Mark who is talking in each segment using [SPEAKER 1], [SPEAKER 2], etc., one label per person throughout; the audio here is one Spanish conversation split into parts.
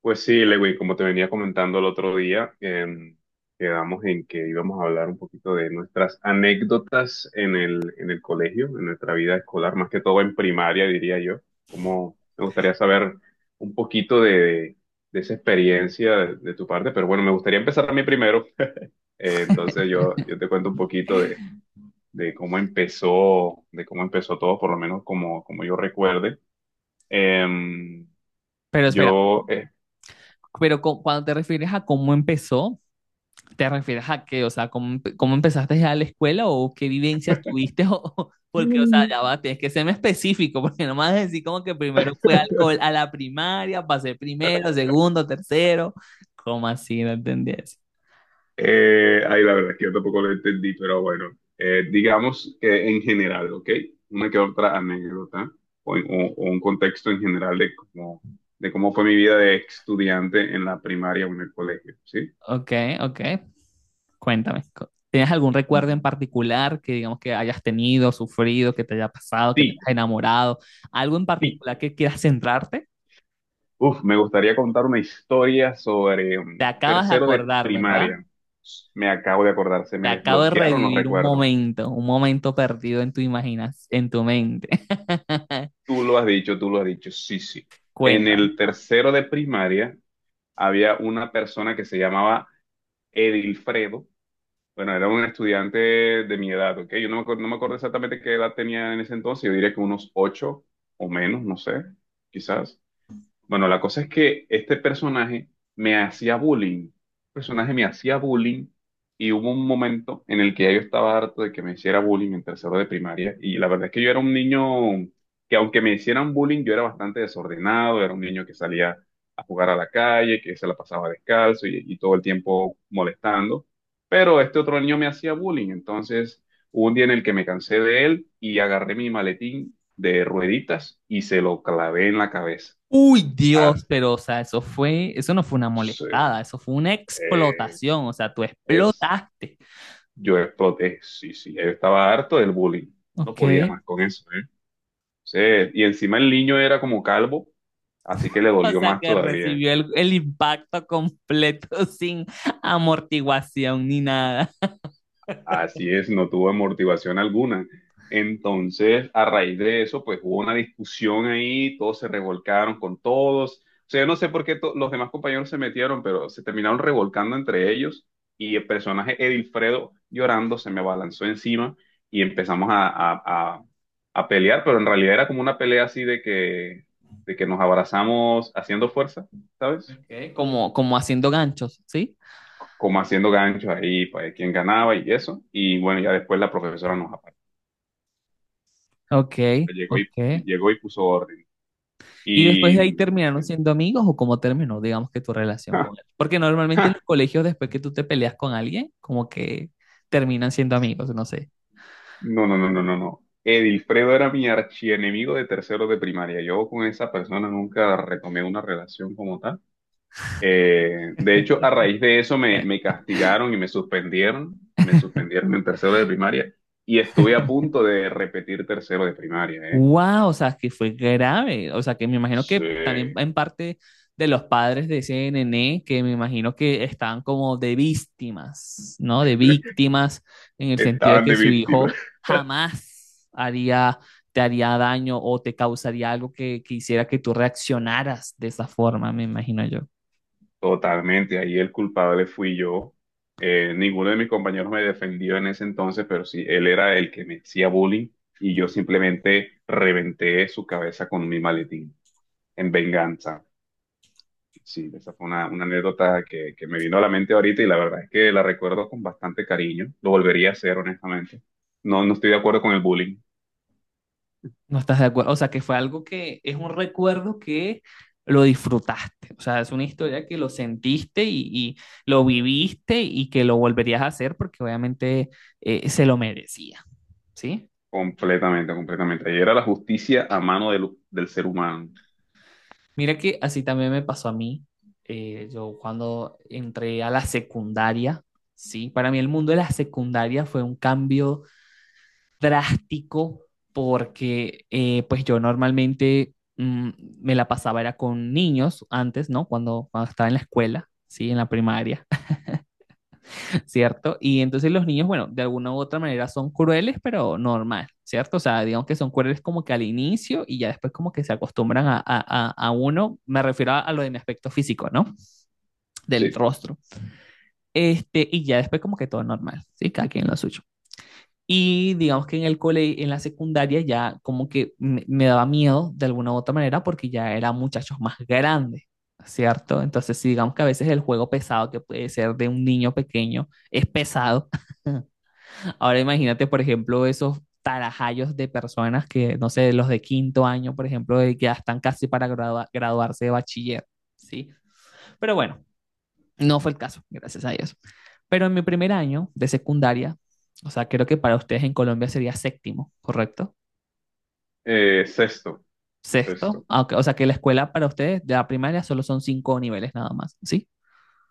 [SPEAKER 1] Pues sí, Lewin, como te venía comentando el otro día, quedamos en que íbamos a hablar un poquito de nuestras anécdotas en el colegio, en nuestra vida escolar, más que todo en primaria, diría yo. Como me gustaría saber un poquito de esa experiencia de tu parte, pero bueno, me gustaría empezar a mí primero. Entonces yo te cuento un poquito de cómo empezó todo, por lo menos como, como yo recuerde. Em,
[SPEAKER 2] Pero espera,
[SPEAKER 1] yo, eh,
[SPEAKER 2] pero cuando te refieres a cómo empezó, ¿te refieres a qué? O sea, ¿cómo, cómo empezaste ya a la escuela o qué vivencia tuviste? O, porque, o sea, ya va, tienes que serme específico, porque no me vas a decir como que primero fue alcohol a la primaria, pasé primero, segundo, tercero. ¿Cómo así? No entendí eso.
[SPEAKER 1] Ahí la verdad es que yo tampoco lo entendí, pero bueno, digamos que en general, ¿ok? Una que otra anécdota o un contexto en general de cómo fue mi vida de estudiante en la primaria o en el colegio, ¿sí?
[SPEAKER 2] Ok, ok, cuéntame. ¿Tienes algún recuerdo en particular que digamos que hayas tenido, sufrido, que te haya pasado, que te
[SPEAKER 1] Sí,
[SPEAKER 2] hayas enamorado? ¿Algo en
[SPEAKER 1] sí.
[SPEAKER 2] particular que quieras centrarte?
[SPEAKER 1] Uf, me gustaría contar una historia sobre
[SPEAKER 2] Te acabas de
[SPEAKER 1] tercero de
[SPEAKER 2] acordar, ¿verdad?
[SPEAKER 1] primaria. Me acabo de acordar, se
[SPEAKER 2] Te
[SPEAKER 1] me
[SPEAKER 2] acabo de
[SPEAKER 1] desbloquearon los
[SPEAKER 2] revivir
[SPEAKER 1] recuerdos.
[SPEAKER 2] un momento perdido en tu imaginas, en tu mente.
[SPEAKER 1] Tú lo has dicho, tú lo has dicho, sí, sí. En
[SPEAKER 2] Cuenta.
[SPEAKER 1] el tercero de primaria había una persona que se llamaba Edilfredo. Bueno, era un estudiante de mi edad, ¿ok? Yo no me acuerdo, No me acuerdo exactamente qué edad tenía en ese entonces, yo diría que unos ocho o menos, no sé, quizás. Bueno, la cosa es que este personaje me hacía bullying. El personaje me hacía bullying y hubo un momento en el que ya yo estaba harto de que me hiciera bullying en tercero de primaria. Y la verdad es que yo era un niño que aunque me hicieran bullying, yo era bastante desordenado, era un niño que salía a jugar a la calle, que se la pasaba descalzo y todo el tiempo molestando. Pero este otro niño me hacía bullying. Entonces, hubo un día en el que me cansé de él y agarré mi maletín de rueditas y se lo clavé en la cabeza.
[SPEAKER 2] Uy, Dios, pero o sea, eso fue, eso no fue una
[SPEAKER 1] Sí,
[SPEAKER 2] molestada, eso fue una
[SPEAKER 1] eh,
[SPEAKER 2] explotación, o sea, tú
[SPEAKER 1] es,
[SPEAKER 2] explotaste.
[SPEAKER 1] yo exploté, sí, sí, yo estaba harto del bullying, no
[SPEAKER 2] Ok.
[SPEAKER 1] podía más con eso, ¿eh? Sí, y encima el niño era como calvo, así que le
[SPEAKER 2] O
[SPEAKER 1] dolió
[SPEAKER 2] sea,
[SPEAKER 1] más
[SPEAKER 2] que
[SPEAKER 1] todavía.
[SPEAKER 2] recibió el impacto completo sin amortiguación ni nada.
[SPEAKER 1] Así es, no tuvo amortiguación alguna. Entonces, a raíz de eso, pues hubo una discusión ahí, todos se revolcaron con todos. O sea, yo no sé por qué los demás compañeros se metieron, pero se terminaron revolcando entre ellos y el personaje Edilfredo llorando se me abalanzó encima y empezamos a- a pelear, pero en realidad era como una pelea así de que nos abrazamos haciendo fuerza, ¿sabes?
[SPEAKER 2] Ok. Como, como haciendo ganchos, ¿sí?
[SPEAKER 1] Como haciendo ganchos ahí para ver quién ganaba y eso. Y bueno, ya después la profesora nos
[SPEAKER 2] Ok,
[SPEAKER 1] O sea, llegó y,
[SPEAKER 2] ok.
[SPEAKER 1] llegó y puso orden.
[SPEAKER 2] Y después
[SPEAKER 1] Y
[SPEAKER 2] de ahí terminaron
[SPEAKER 1] dicen,
[SPEAKER 2] siendo amigos o cómo terminó, digamos que tu relación con él. Porque
[SPEAKER 1] "Ja,
[SPEAKER 2] normalmente
[SPEAKER 1] ja,
[SPEAKER 2] en los colegios, después que tú te peleas con alguien, como que terminan siendo amigos, no sé.
[SPEAKER 1] no, no, no, no, no, no. Edilfredo era mi archienemigo de tercero de primaria. Yo con esa persona nunca retomé una relación como tal. De hecho, a raíz de eso me castigaron y me suspendieron. Me suspendieron en tercero de primaria y estuve a punto de repetir tercero de primaria, ¿eh?
[SPEAKER 2] Wow, o sea, que fue grave. O sea, que me imagino que también
[SPEAKER 1] Sí.
[SPEAKER 2] en parte de los padres de ese nené, que me imagino que estaban como de víctimas, ¿no? De víctimas, en el sentido de
[SPEAKER 1] Estaban
[SPEAKER 2] que
[SPEAKER 1] de
[SPEAKER 2] su
[SPEAKER 1] víctima.
[SPEAKER 2] hijo jamás haría, te haría daño o te causaría algo que hiciera que tú reaccionaras de esa forma, me imagino yo.
[SPEAKER 1] Totalmente, ahí el culpable fui yo. Ninguno de mis compañeros me defendió en ese entonces, pero sí, él era el que me hacía bullying y yo simplemente reventé su cabeza con mi maletín en venganza. Sí, esa fue una anécdota que me vino a la mente ahorita y la verdad es que la recuerdo con bastante cariño. Lo volvería a hacer, honestamente. No, no estoy de acuerdo con el bullying.
[SPEAKER 2] No estás de acuerdo, o sea, que fue algo que es un recuerdo que lo disfrutaste, o sea, es una historia que lo sentiste y lo viviste y que lo volverías a hacer porque obviamente se lo merecía, ¿sí?
[SPEAKER 1] Completamente, completamente. Ahí era la justicia a mano del, del ser humano.
[SPEAKER 2] Mira que así también me pasó a mí, yo cuando entré a la secundaria, ¿sí? Para mí el mundo de la secundaria fue un cambio drástico porque pues yo normalmente me la pasaba era con niños antes, ¿no? Cuando, cuando estaba en la escuela, ¿sí? En la primaria, ¿cierto? Y entonces los niños, bueno, de alguna u otra manera son crueles, pero normal, ¿cierto? O sea, digamos que son crueles como que al inicio y ya después como que se acostumbran a uno, me refiero a lo de mi aspecto físico, ¿no? Del
[SPEAKER 1] Sí.
[SPEAKER 2] rostro. Este, y ya después como que todo normal, ¿sí? Cada quien lo suyo. Y digamos que en el cole, en la secundaria ya como que me daba miedo de alguna u otra manera porque ya eran muchachos más grandes, ¿cierto? Entonces, sí, digamos que a veces el juego pesado que puede ser de un niño pequeño es pesado. Ahora imagínate, por ejemplo, esos tarajayos de personas que, no sé, los de quinto año, por ejemplo, de que ya están casi para graduarse de bachiller, ¿sí? Pero bueno, no fue el caso, gracias a Dios. Pero en mi primer año de secundaria, o sea, creo que para ustedes en Colombia sería séptimo, ¿correcto?
[SPEAKER 1] Sexto,
[SPEAKER 2] Sexto,
[SPEAKER 1] sexto.
[SPEAKER 2] ah, ok, o sea que la escuela para ustedes de la primaria solo son cinco niveles nada más, ¿sí?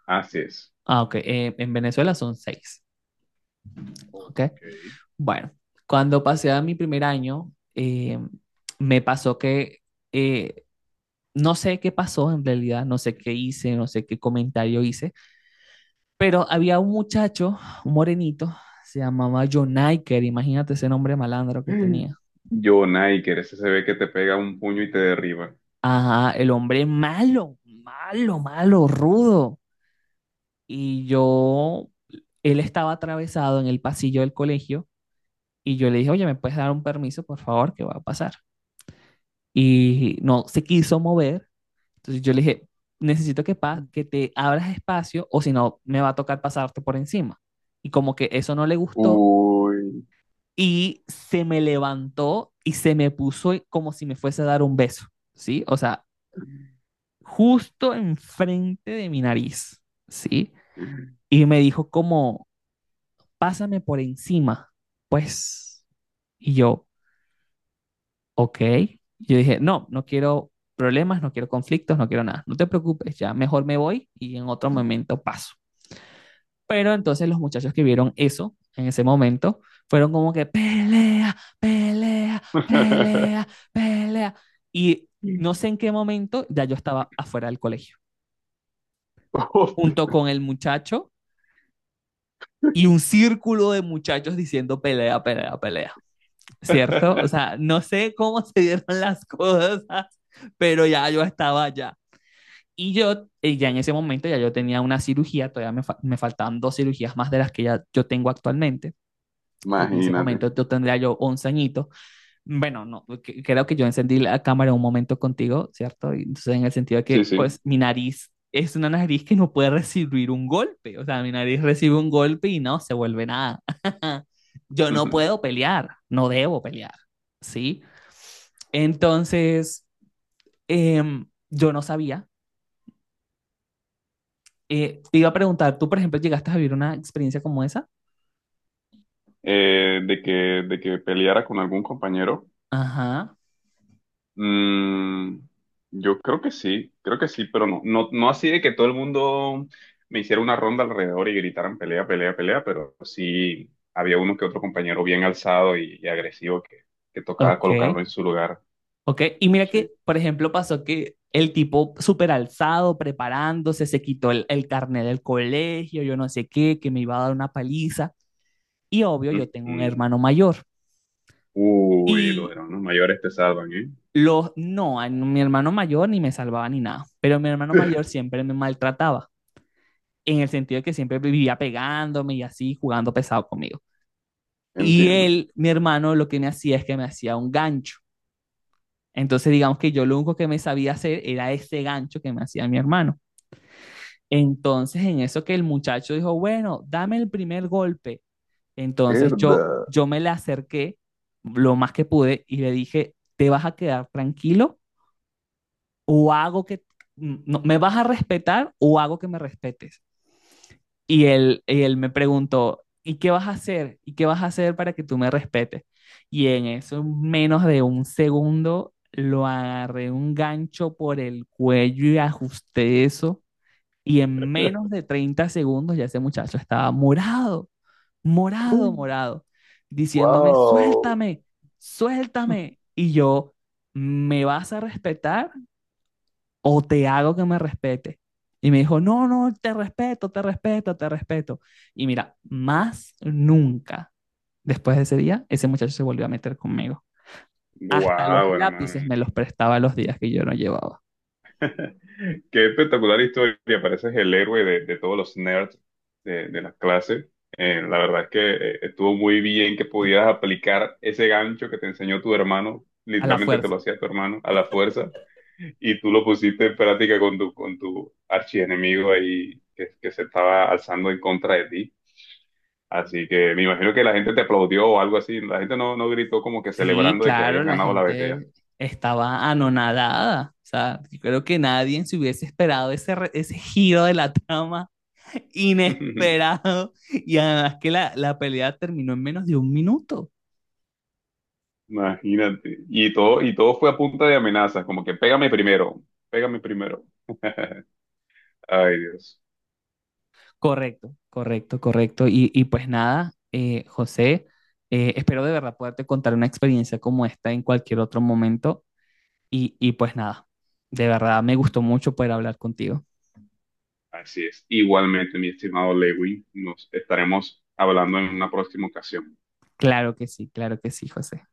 [SPEAKER 1] Así es.
[SPEAKER 2] Ah, ok, en Venezuela son seis, ¿ok?
[SPEAKER 1] Ok.
[SPEAKER 2] Bueno, cuando pasé a mi primer año, me pasó que eh, no sé qué pasó en realidad, no sé qué hice, no sé qué comentario hice, pero había un muchacho, un morenito, se llamaba John Iker, imagínate ese nombre malandro que tenía.
[SPEAKER 1] Yo, Niker, ese se ve que te pega un puño y te derriba.
[SPEAKER 2] Ajá, el hombre malo, malo, malo, rudo. Y yo, él estaba atravesado en el pasillo del colegio y yo le dije, oye, ¿me puedes dar un permiso, por favor? ¿Qué va a pasar? Y no se quiso mover. Entonces yo le dije, necesito que, que te abras espacio o si no, me va a tocar pasarte por encima. Y como que eso no le gustó,
[SPEAKER 1] Uy.
[SPEAKER 2] y se me levantó y se me puso como si me fuese a dar un beso, ¿sí? O sea, justo enfrente de mi nariz, ¿sí? Y me dijo como, pásame por encima, pues. Y yo, ok. Yo dije, no, no quiero problemas, no quiero conflictos, no quiero nada. No te preocupes, ya mejor me voy y en otro momento paso. Pero entonces los muchachos que vieron eso en ese momento fueron como que pelea, pelea, pelea, pelea. Y no sé en qué momento ya yo estaba afuera del colegio,
[SPEAKER 1] Hostia.
[SPEAKER 2] junto con el muchacho y un círculo de muchachos diciendo pelea, pelea, pelea. ¿Cierto? O sea, no sé cómo se dieron las cosas, pero ya yo estaba allá. Y yo, ya en ese momento, ya yo tenía una cirugía, todavía me, me faltaban dos cirugías más de las que ya yo tengo actualmente. Porque en ese
[SPEAKER 1] Imagínate.
[SPEAKER 2] momento yo tendría yo 11 añitos. Bueno, no, creo que yo encendí la cámara un momento contigo, ¿cierto? Y entonces en el sentido de
[SPEAKER 1] Sí,
[SPEAKER 2] que,
[SPEAKER 1] sí.
[SPEAKER 2] pues, mi nariz es una nariz que no puede recibir un golpe, o sea, mi nariz recibe un golpe y no se vuelve nada. Yo no
[SPEAKER 1] Ujú.
[SPEAKER 2] puedo pelear, no debo pelear, ¿sí? Entonces, yo no sabía. Te iba a preguntar, ¿tú, por ejemplo, llegaste a vivir una experiencia como esa?
[SPEAKER 1] Eh, de que, de que peleara con algún compañero.
[SPEAKER 2] Ajá,
[SPEAKER 1] Mm, yo creo que sí, pero no, no, no así de que todo el mundo me hiciera una ronda alrededor y gritaran pelea, pelea, pelea, pero sí había uno que otro compañero bien alzado y agresivo que tocaba colocarlo
[SPEAKER 2] ok.
[SPEAKER 1] en su lugar.
[SPEAKER 2] Ok, y mira
[SPEAKER 1] Sí.
[SPEAKER 2] que, por ejemplo, pasó que el tipo súper alzado, preparándose, se quitó el carnet del colegio, yo no sé qué, que me iba a dar una paliza. Y obvio,
[SPEAKER 1] Mm,
[SPEAKER 2] yo tengo un
[SPEAKER 1] mm.
[SPEAKER 2] hermano mayor.
[SPEAKER 1] Uy, los
[SPEAKER 2] Y
[SPEAKER 1] hermanos mayores te salvan, ¿eh?
[SPEAKER 2] los, no, a mi hermano mayor ni me salvaba ni nada, pero mi hermano mayor siempre me maltrataba, en el sentido de que siempre vivía pegándome y así, jugando pesado conmigo. Y
[SPEAKER 1] Entiendo.
[SPEAKER 2] él, mi hermano, lo que me hacía es que me hacía un gancho. Entonces, digamos que yo lo único que me sabía hacer era ese gancho que me hacía mi hermano. Entonces, en eso que el muchacho dijo, bueno, dame el primer golpe. Entonces yo,
[SPEAKER 1] Mierda.
[SPEAKER 2] yo me le acerqué lo más que pude y le dije, ¿te vas a quedar tranquilo o hago que, no, me vas a respetar o hago que me respetes? Y él me preguntó, ¿y qué vas a hacer? ¿Y qué vas a hacer para que tú me respetes? Y en eso, menos de un segundo, lo agarré un gancho por el cuello y ajusté eso y en menos de 30 segundos ya ese muchacho estaba morado, morado, morado, diciéndome,
[SPEAKER 1] Wow.
[SPEAKER 2] suéltame, suéltame. Y yo, ¿me vas a respetar o te hago que me respete? Y me dijo, no, no, te respeto, te respeto, te respeto. Y mira, más nunca después de ese día, ese muchacho se volvió a meter conmigo. Hasta los
[SPEAKER 1] Wow,
[SPEAKER 2] lápices
[SPEAKER 1] hermano.
[SPEAKER 2] me los prestaba los días que yo no llevaba,
[SPEAKER 1] Qué espectacular historia, pareces el héroe de todos los nerds de las clases. La verdad es que estuvo muy bien que pudieras aplicar ese gancho que te enseñó tu hermano,
[SPEAKER 2] a la
[SPEAKER 1] literalmente te
[SPEAKER 2] fuerza.
[SPEAKER 1] lo hacía tu hermano a la fuerza, y tú lo pusiste en práctica con tu archienemigo ahí que se estaba alzando en contra de ti. Así que me imagino que la gente te aplaudió o algo así, la gente no, no gritó como que
[SPEAKER 2] Sí,
[SPEAKER 1] celebrando de que
[SPEAKER 2] claro,
[SPEAKER 1] habías
[SPEAKER 2] la
[SPEAKER 1] ganado la BTA.
[SPEAKER 2] gente estaba anonadada. O sea, yo creo que nadie se hubiese esperado ese, ese giro de la trama inesperado. Y además que la pelea terminó en menos de un minuto.
[SPEAKER 1] Imagínate. Y todo fue a punta de amenazas, como que pégame primero, pégame primero. Ay, Dios.
[SPEAKER 2] Correcto, correcto, correcto. Y pues nada, José, espero de verdad poderte contar una experiencia como esta en cualquier otro momento. Y pues nada, de verdad me gustó mucho poder hablar contigo.
[SPEAKER 1] Así es. Igualmente, mi estimado Lewin, nos estaremos hablando en una próxima ocasión.
[SPEAKER 2] Claro que sí, José.